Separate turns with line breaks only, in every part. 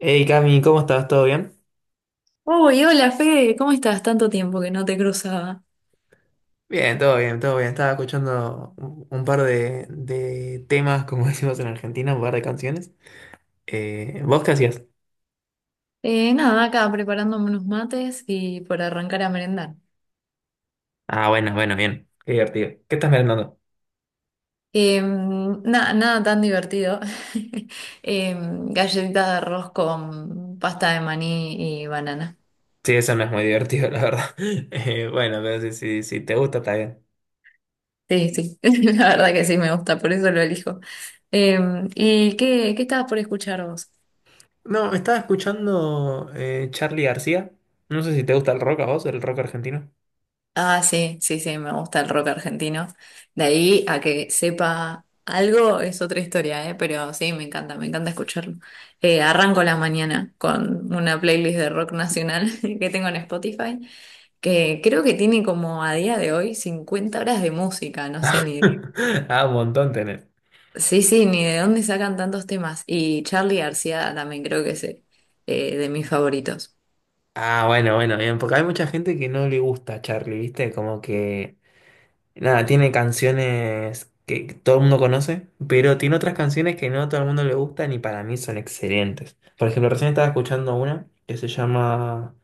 Hey Cami, ¿cómo estás? ¿Todo bien?
Uy, hola Fede, ¿cómo estás? Tanto tiempo que no te cruzaba.
Bien, todo bien, todo bien. Estaba escuchando un par de temas, como decimos en Argentina, un par de canciones. ¿Vos qué hacías?
Nada, acá preparándome unos mates y por arrancar a merendar.
Ah, bueno, bueno, bien. Qué divertido. ¿Qué estás merendando?
Nada tan divertido. Galletitas de arroz con pasta de maní y banana.
Sí, eso no es muy divertido, la verdad. Bueno, pero si te gusta, está bien.
Sí, sí, la verdad que sí me gusta, por eso lo elijo. ¿Y qué estabas por escuchar vos?
No, estaba escuchando Charly García. No sé si te gusta el rock a vos, el rock argentino.
Ah, sí, sí, sí, me gusta el rock argentino. De ahí a que sepa algo es otra historia, ¿eh? Pero sí, me encanta escucharlo. Arranco la mañana con una playlist de rock nacional que tengo en Spotify, que creo que tiene como a día de hoy 50 horas de música, no sé ni...
Ah, un montón tenés.
Sí, sí, ni de dónde sacan tantos temas. Y Charly García también creo que es de mis favoritos.
Ah, bueno, bueno, bien, porque hay mucha gente que no le gusta Charlie, ¿viste? Como que nada, tiene canciones que todo el mundo conoce, pero tiene otras canciones que no a todo el mundo le gustan y para mí son excelentes. Por ejemplo, recién estaba escuchando una que se llama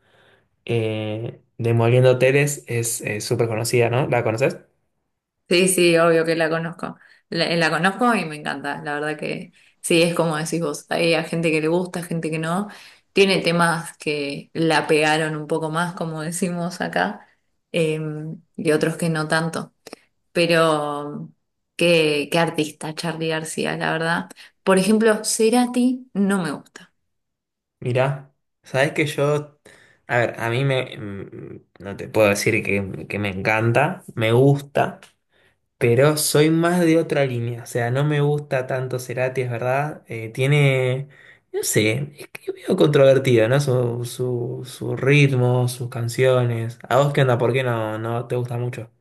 Demoliendo Hoteles, es súper conocida, ¿no? ¿La conoces?
Sí, sí, obvio que la conozco. La conozco y me encanta. La verdad que sí, es como decís vos. Hay a gente que le gusta, gente que no. Tiene temas que la pegaron un poco más, como decimos acá, eh, y otros que no tanto. Pero qué artista, Charly García, la verdad. Por ejemplo, Cerati no me gusta.
Mirá, sabes que yo, a ver, a mí me, no te puedo decir que me encanta, me gusta, pero soy más de otra línea, o sea, no me gusta tanto Cerati, es verdad. Tiene, no sé, es que medio controvertido, ¿no? Su ritmo, sus canciones. ¿A vos qué onda? ¿Por qué no te gusta mucho?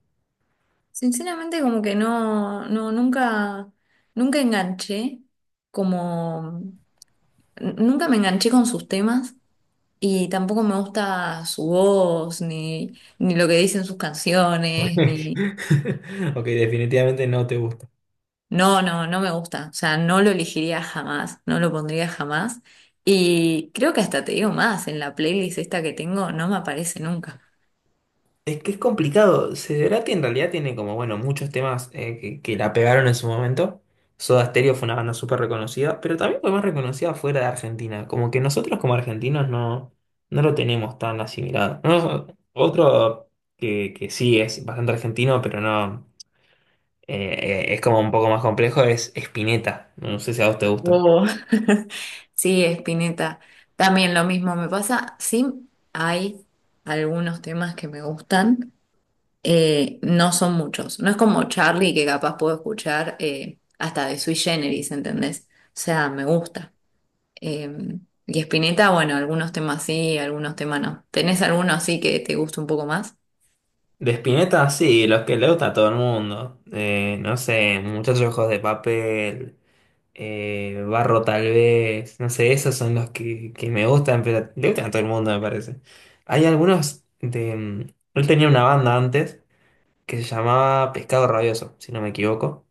Sinceramente, como que no, no, nunca enganché, como nunca me enganché con sus temas. Y tampoco me gusta su voz, ni, ni lo que dicen sus canciones, ni...
Ok, definitivamente no te gusta.
No, no, no me gusta. O sea, no lo elegiría jamás, no lo pondría jamás. Y creo que hasta te digo más, en la playlist esta que tengo no me aparece nunca.
Es que es complicado. Cerati en realidad tiene como, bueno, muchos temas que la pegaron en su momento. Soda Stereo fue una banda súper reconocida, pero también fue más reconocida fuera de Argentina. Como que nosotros como argentinos no, no lo tenemos tan asimilado. No, otro que sí es bastante argentino, pero no eh, es como un poco más complejo, es Spinetta. No sé si a vos te gusta.
Wow. Sí, Spinetta. También lo mismo me pasa. Sí, hay algunos temas que me gustan, no son muchos. No es como Charlie que capaz puedo escuchar hasta de Sui Generis, ¿entendés? O sea, me gusta. Eh, y Spinetta, bueno, algunos temas sí, algunos temas no. ¿Tenés alguno así que te guste un poco más?
De Spinetta, sí, los que le gusta a todo el mundo. No sé, Muchachos de Ojos de Papel. Barro tal vez, no sé, esos son los que me gustan, pero le gustan a todo el mundo, me parece. Hay algunos de… él tenía una banda antes que se llamaba Pescado Rabioso, si no me equivoco.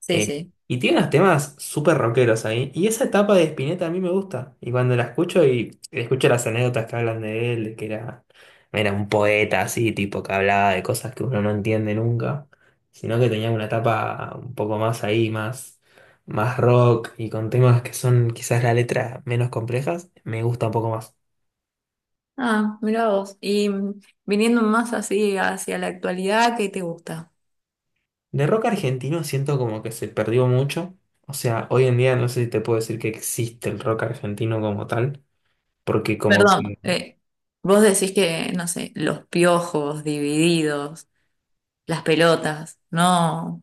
Sí,
Eh,
sí.
y tiene unos temas súper rockeros ahí. Y esa etapa de Spinetta a mí me gusta. Y cuando la escucho y escucho las anécdotas que hablan de él, de que era, era un poeta así, tipo que hablaba de cosas que uno no entiende nunca, sino que tenía una etapa un poco más ahí, más, más rock y con temas que son quizás la letra menos complejas, me gusta un poco más.
Ah, mira vos. Y mm, viniendo más así hacia la actualidad, ¿qué te gusta?
De rock argentino siento como que se perdió mucho. O sea, hoy en día no sé si te puedo decir que existe el rock argentino como tal, porque como
Perdón,
que…
vos decís que, no sé, los piojos, divididos, las pelotas, no,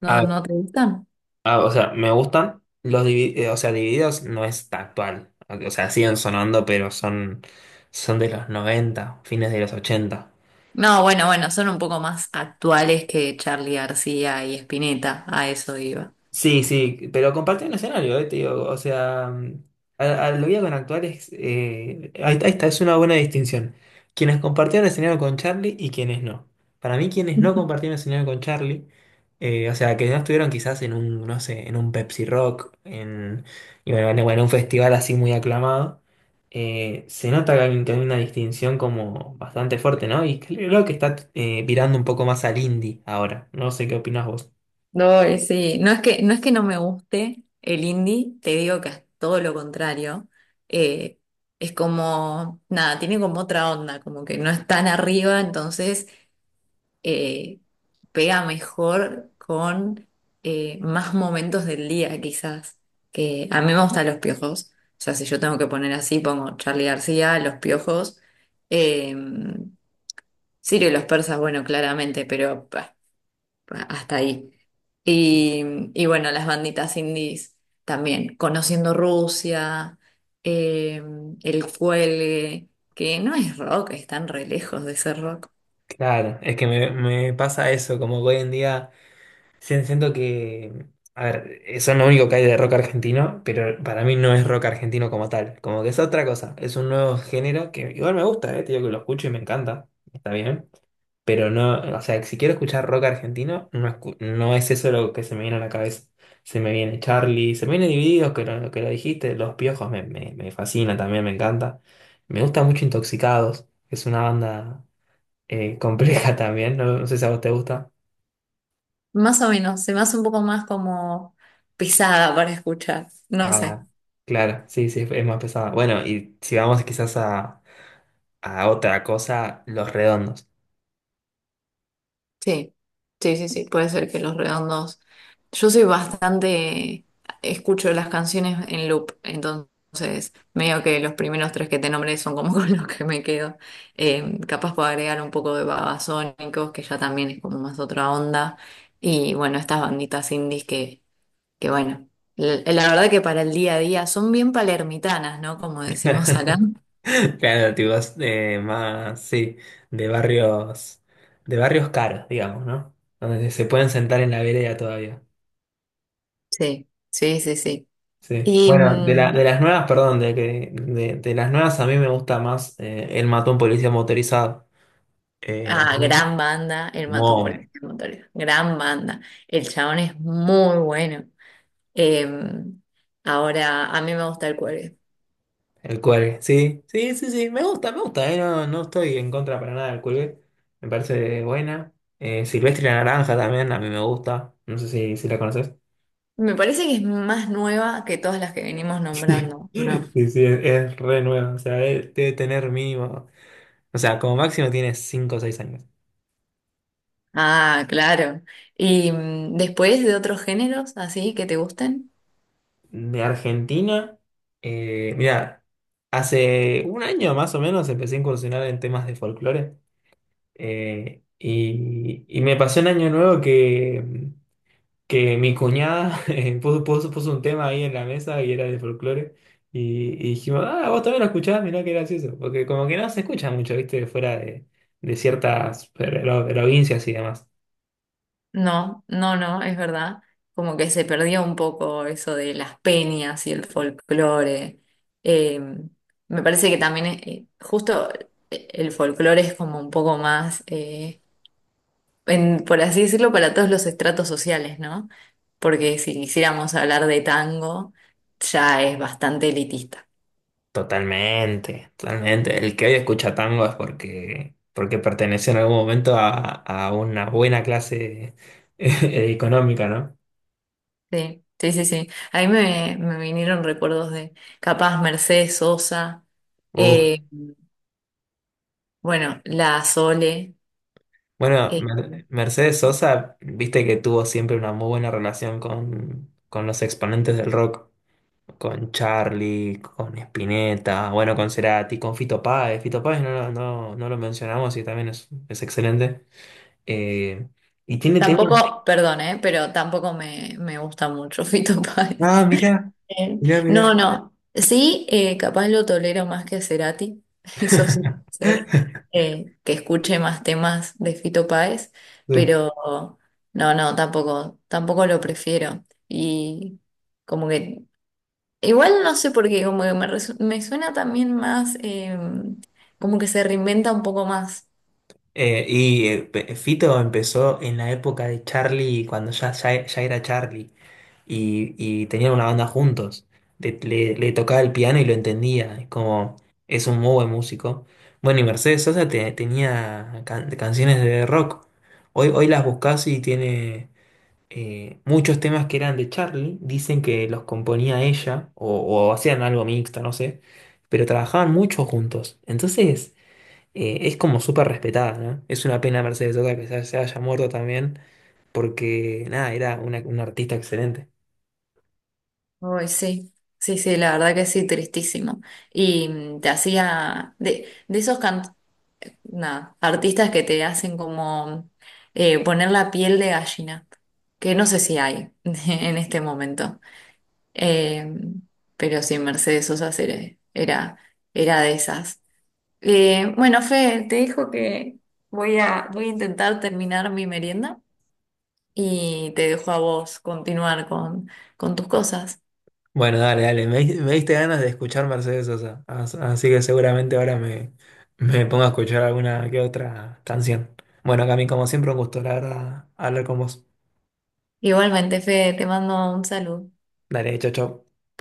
no,
A
no te gustan.
ah, o sea, me gustan los o sea, Divididos no es tan actual. O sea, siguen sonando, pero son, son de los 90, fines de los 80.
No, bueno, bueno, son un poco más actuales que Charly García y Spinetta, a eso iba.
Sí, sí, pero compartí un escenario, te digo, o sea, a lo que iba con actuales, ahí está, ahí es una buena distinción. Quienes compartieron escenario con Charlie y quienes no. Para mí, quienes no compartieron escenario con Charlie, o sea, que no estuvieron quizás en un, no sé, en un Pepsi Rock, en, y bueno, bueno, en un festival así muy aclamado, se nota que hay una distinción como bastante fuerte, ¿no? Y creo que está virando un poco más al indie ahora. No sé qué opinas vos.
No, y sí, no es que no me guste el indie, te digo que es todo lo contrario. Eh, es como, nada, tiene como otra onda, como que no es tan arriba, entonces eh, pega mejor con más momentos del día, quizás. Que a mí me gustan los piojos, o sea, si yo tengo que poner así, pongo Charly García, los piojos. Eh, Sirio y los persas, bueno, claramente, pero pa, hasta ahí. Y bueno, las banditas indies también, conociendo Rusia, eh, el cuelgue, que no es rock, están re lejos de ser rock.
Claro, es que me pasa eso, como que hoy en día siento que, a ver, eso es lo único que hay de rock argentino, pero para mí no es rock argentino como tal, como que es otra cosa, es un nuevo género que igual me gusta, te digo que lo escucho y me encanta, está bien, pero no, o sea, si quiero escuchar rock argentino, no, no es eso lo que se me viene a la cabeza, se me viene Charlie, se me viene Divididos, que lo dijiste, Los Piojos me, me, me fascina también, me encanta, me gusta mucho Intoxicados, es una banda compleja también, no, no sé si a vos te gusta.
Más o menos, se me hace un poco más como pesada para escuchar, no sé.
Ah, claro, sí, sí, es más pesada. Bueno, y si vamos quizás a otra cosa, los redondos.
Sí, sí, sí, sí, puede ser que Los Redondos. Yo soy bastante, escucho las canciones en loop, entonces medio que los primeros tres que te nombré son como con los que me quedo. Capaz puedo agregar un poco de Babasónicos, que ya también es como más otra onda. Y bueno, estas banditas indies que bueno, la verdad que para el día a día son bien palermitanas, ¿no? Como decimos acá.
Claro, tipo, es, más, sí, de barrios, de barrios caros, digamos, ¿no? Donde se pueden sentar en la vereda todavía.
Sí, sí, sí, sí.
Sí.
Y
Bueno, de la, de
mm,
las nuevas, perdón, de, de las nuevas a mí me gusta más el matón policía motorizado. A
ah,
mí,
gran banda, El Matón
muy,
Policía Motorizado. Gran banda. El chabón es muy bueno. Eh, Ahora, a mí me gusta el cuelgue.
el cuelgue, sí, sí, sí, sí, me gusta, no, no estoy en contra para nada del cuelgue, me parece buena. Silvestre la Naranja también, a mí me gusta, no sé si, si la conoces.
Me parece que es más nueva que todas las que venimos nombrando,
Sí,
¿no?
sí, es re nueva, o sea, debe tener mínimo, o sea, como máximo tiene 5 o 6 años.
Ah, claro. ¿Y mm, después de otros géneros así que te gusten?
De Argentina, mira, hace un año más o menos empecé a incursionar en temas de folclore y me pasó en Año Nuevo que… que mi cuñada puso un tema ahí en la mesa y era de folclore. Y dijimos, ah, vos también lo escuchás, mirá qué gracioso. Porque como que no se escucha mucho, viste, fuera de ciertas provincias y demás.
No, no, no, es verdad. Como que se perdió un poco eso de las peñas y el folclore. Eh, Me parece que también, justo el folclore es como un poco más, por así decirlo, para todos los estratos sociales, ¿no? Porque si quisiéramos hablar de tango, ya es bastante elitista.
Totalmente, totalmente. El que hoy escucha tango es porque, porque perteneció en algún momento a una buena clase económica, ¿no?
Sí, sí, sí, sí. A mí me vinieron recuerdos de capaz Mercedes Sosa,
Uh.
eh, bueno, la Sole.
Bueno,
eh,
Mercedes Sosa, viste que tuvo siempre una muy buena relación con los exponentes del rock. Con Charlie, con Spinetta, bueno, con Cerati, con Fito Páez. Fito Páez no, no, no lo mencionamos y también es excelente. Eh, y tiene temas.
Tampoco, perdón, ¿eh? Pero tampoco me gusta mucho Fito Páez.
Ah, mirá,
Eh,
mirá,
No,
mirá.
no. Sí, capaz lo tolero más que a Cerati, eso sí puede ser, que escuche más temas de Fito Páez,
Sí.
pero no, no, tampoco, tampoco lo prefiero. Y como que, igual no sé por qué, como que me suena también más, como que se reinventa un poco más.
Fito empezó en la época de Charlie, cuando ya, ya, ya era Charlie. Y, y tenían una banda juntos. Le, le tocaba el piano y lo entendía, es como es un muy buen músico. Bueno, y Mercedes Sosa tenía canciones de rock. Hoy, hoy las buscas y tiene muchos temas que eran de Charlie, dicen que los componía ella o hacían algo mixto, no sé, pero trabajaban mucho juntos. Entonces es como súper respetada, ¿no? Es una pena Mercedes Sosa que se se haya muerto también, porque nada, era una artista excelente.
Uy, sí, sí, sí, la verdad que sí, tristísimo. Y mm, te hacía de, esos nada, artistas que te hacen como poner la piel de gallina, que no sé si hay en este momento. Eh, pero sí, Mercedes Sosa era de esas. Bueno, Fe, te dijo que voy a intentar terminar mi merienda y te dejo a vos continuar con tus cosas.
Bueno, dale, dale. Me, me diste ganas de escuchar Mercedes Sosa. Así que seguramente ahora me, me pongo a escuchar alguna que otra canción. Bueno, Cami, como siempre, un gusto, la verdad, hablar con vos.
Igualmente, Fede, te mando un saludo.
Dale, chau, chau.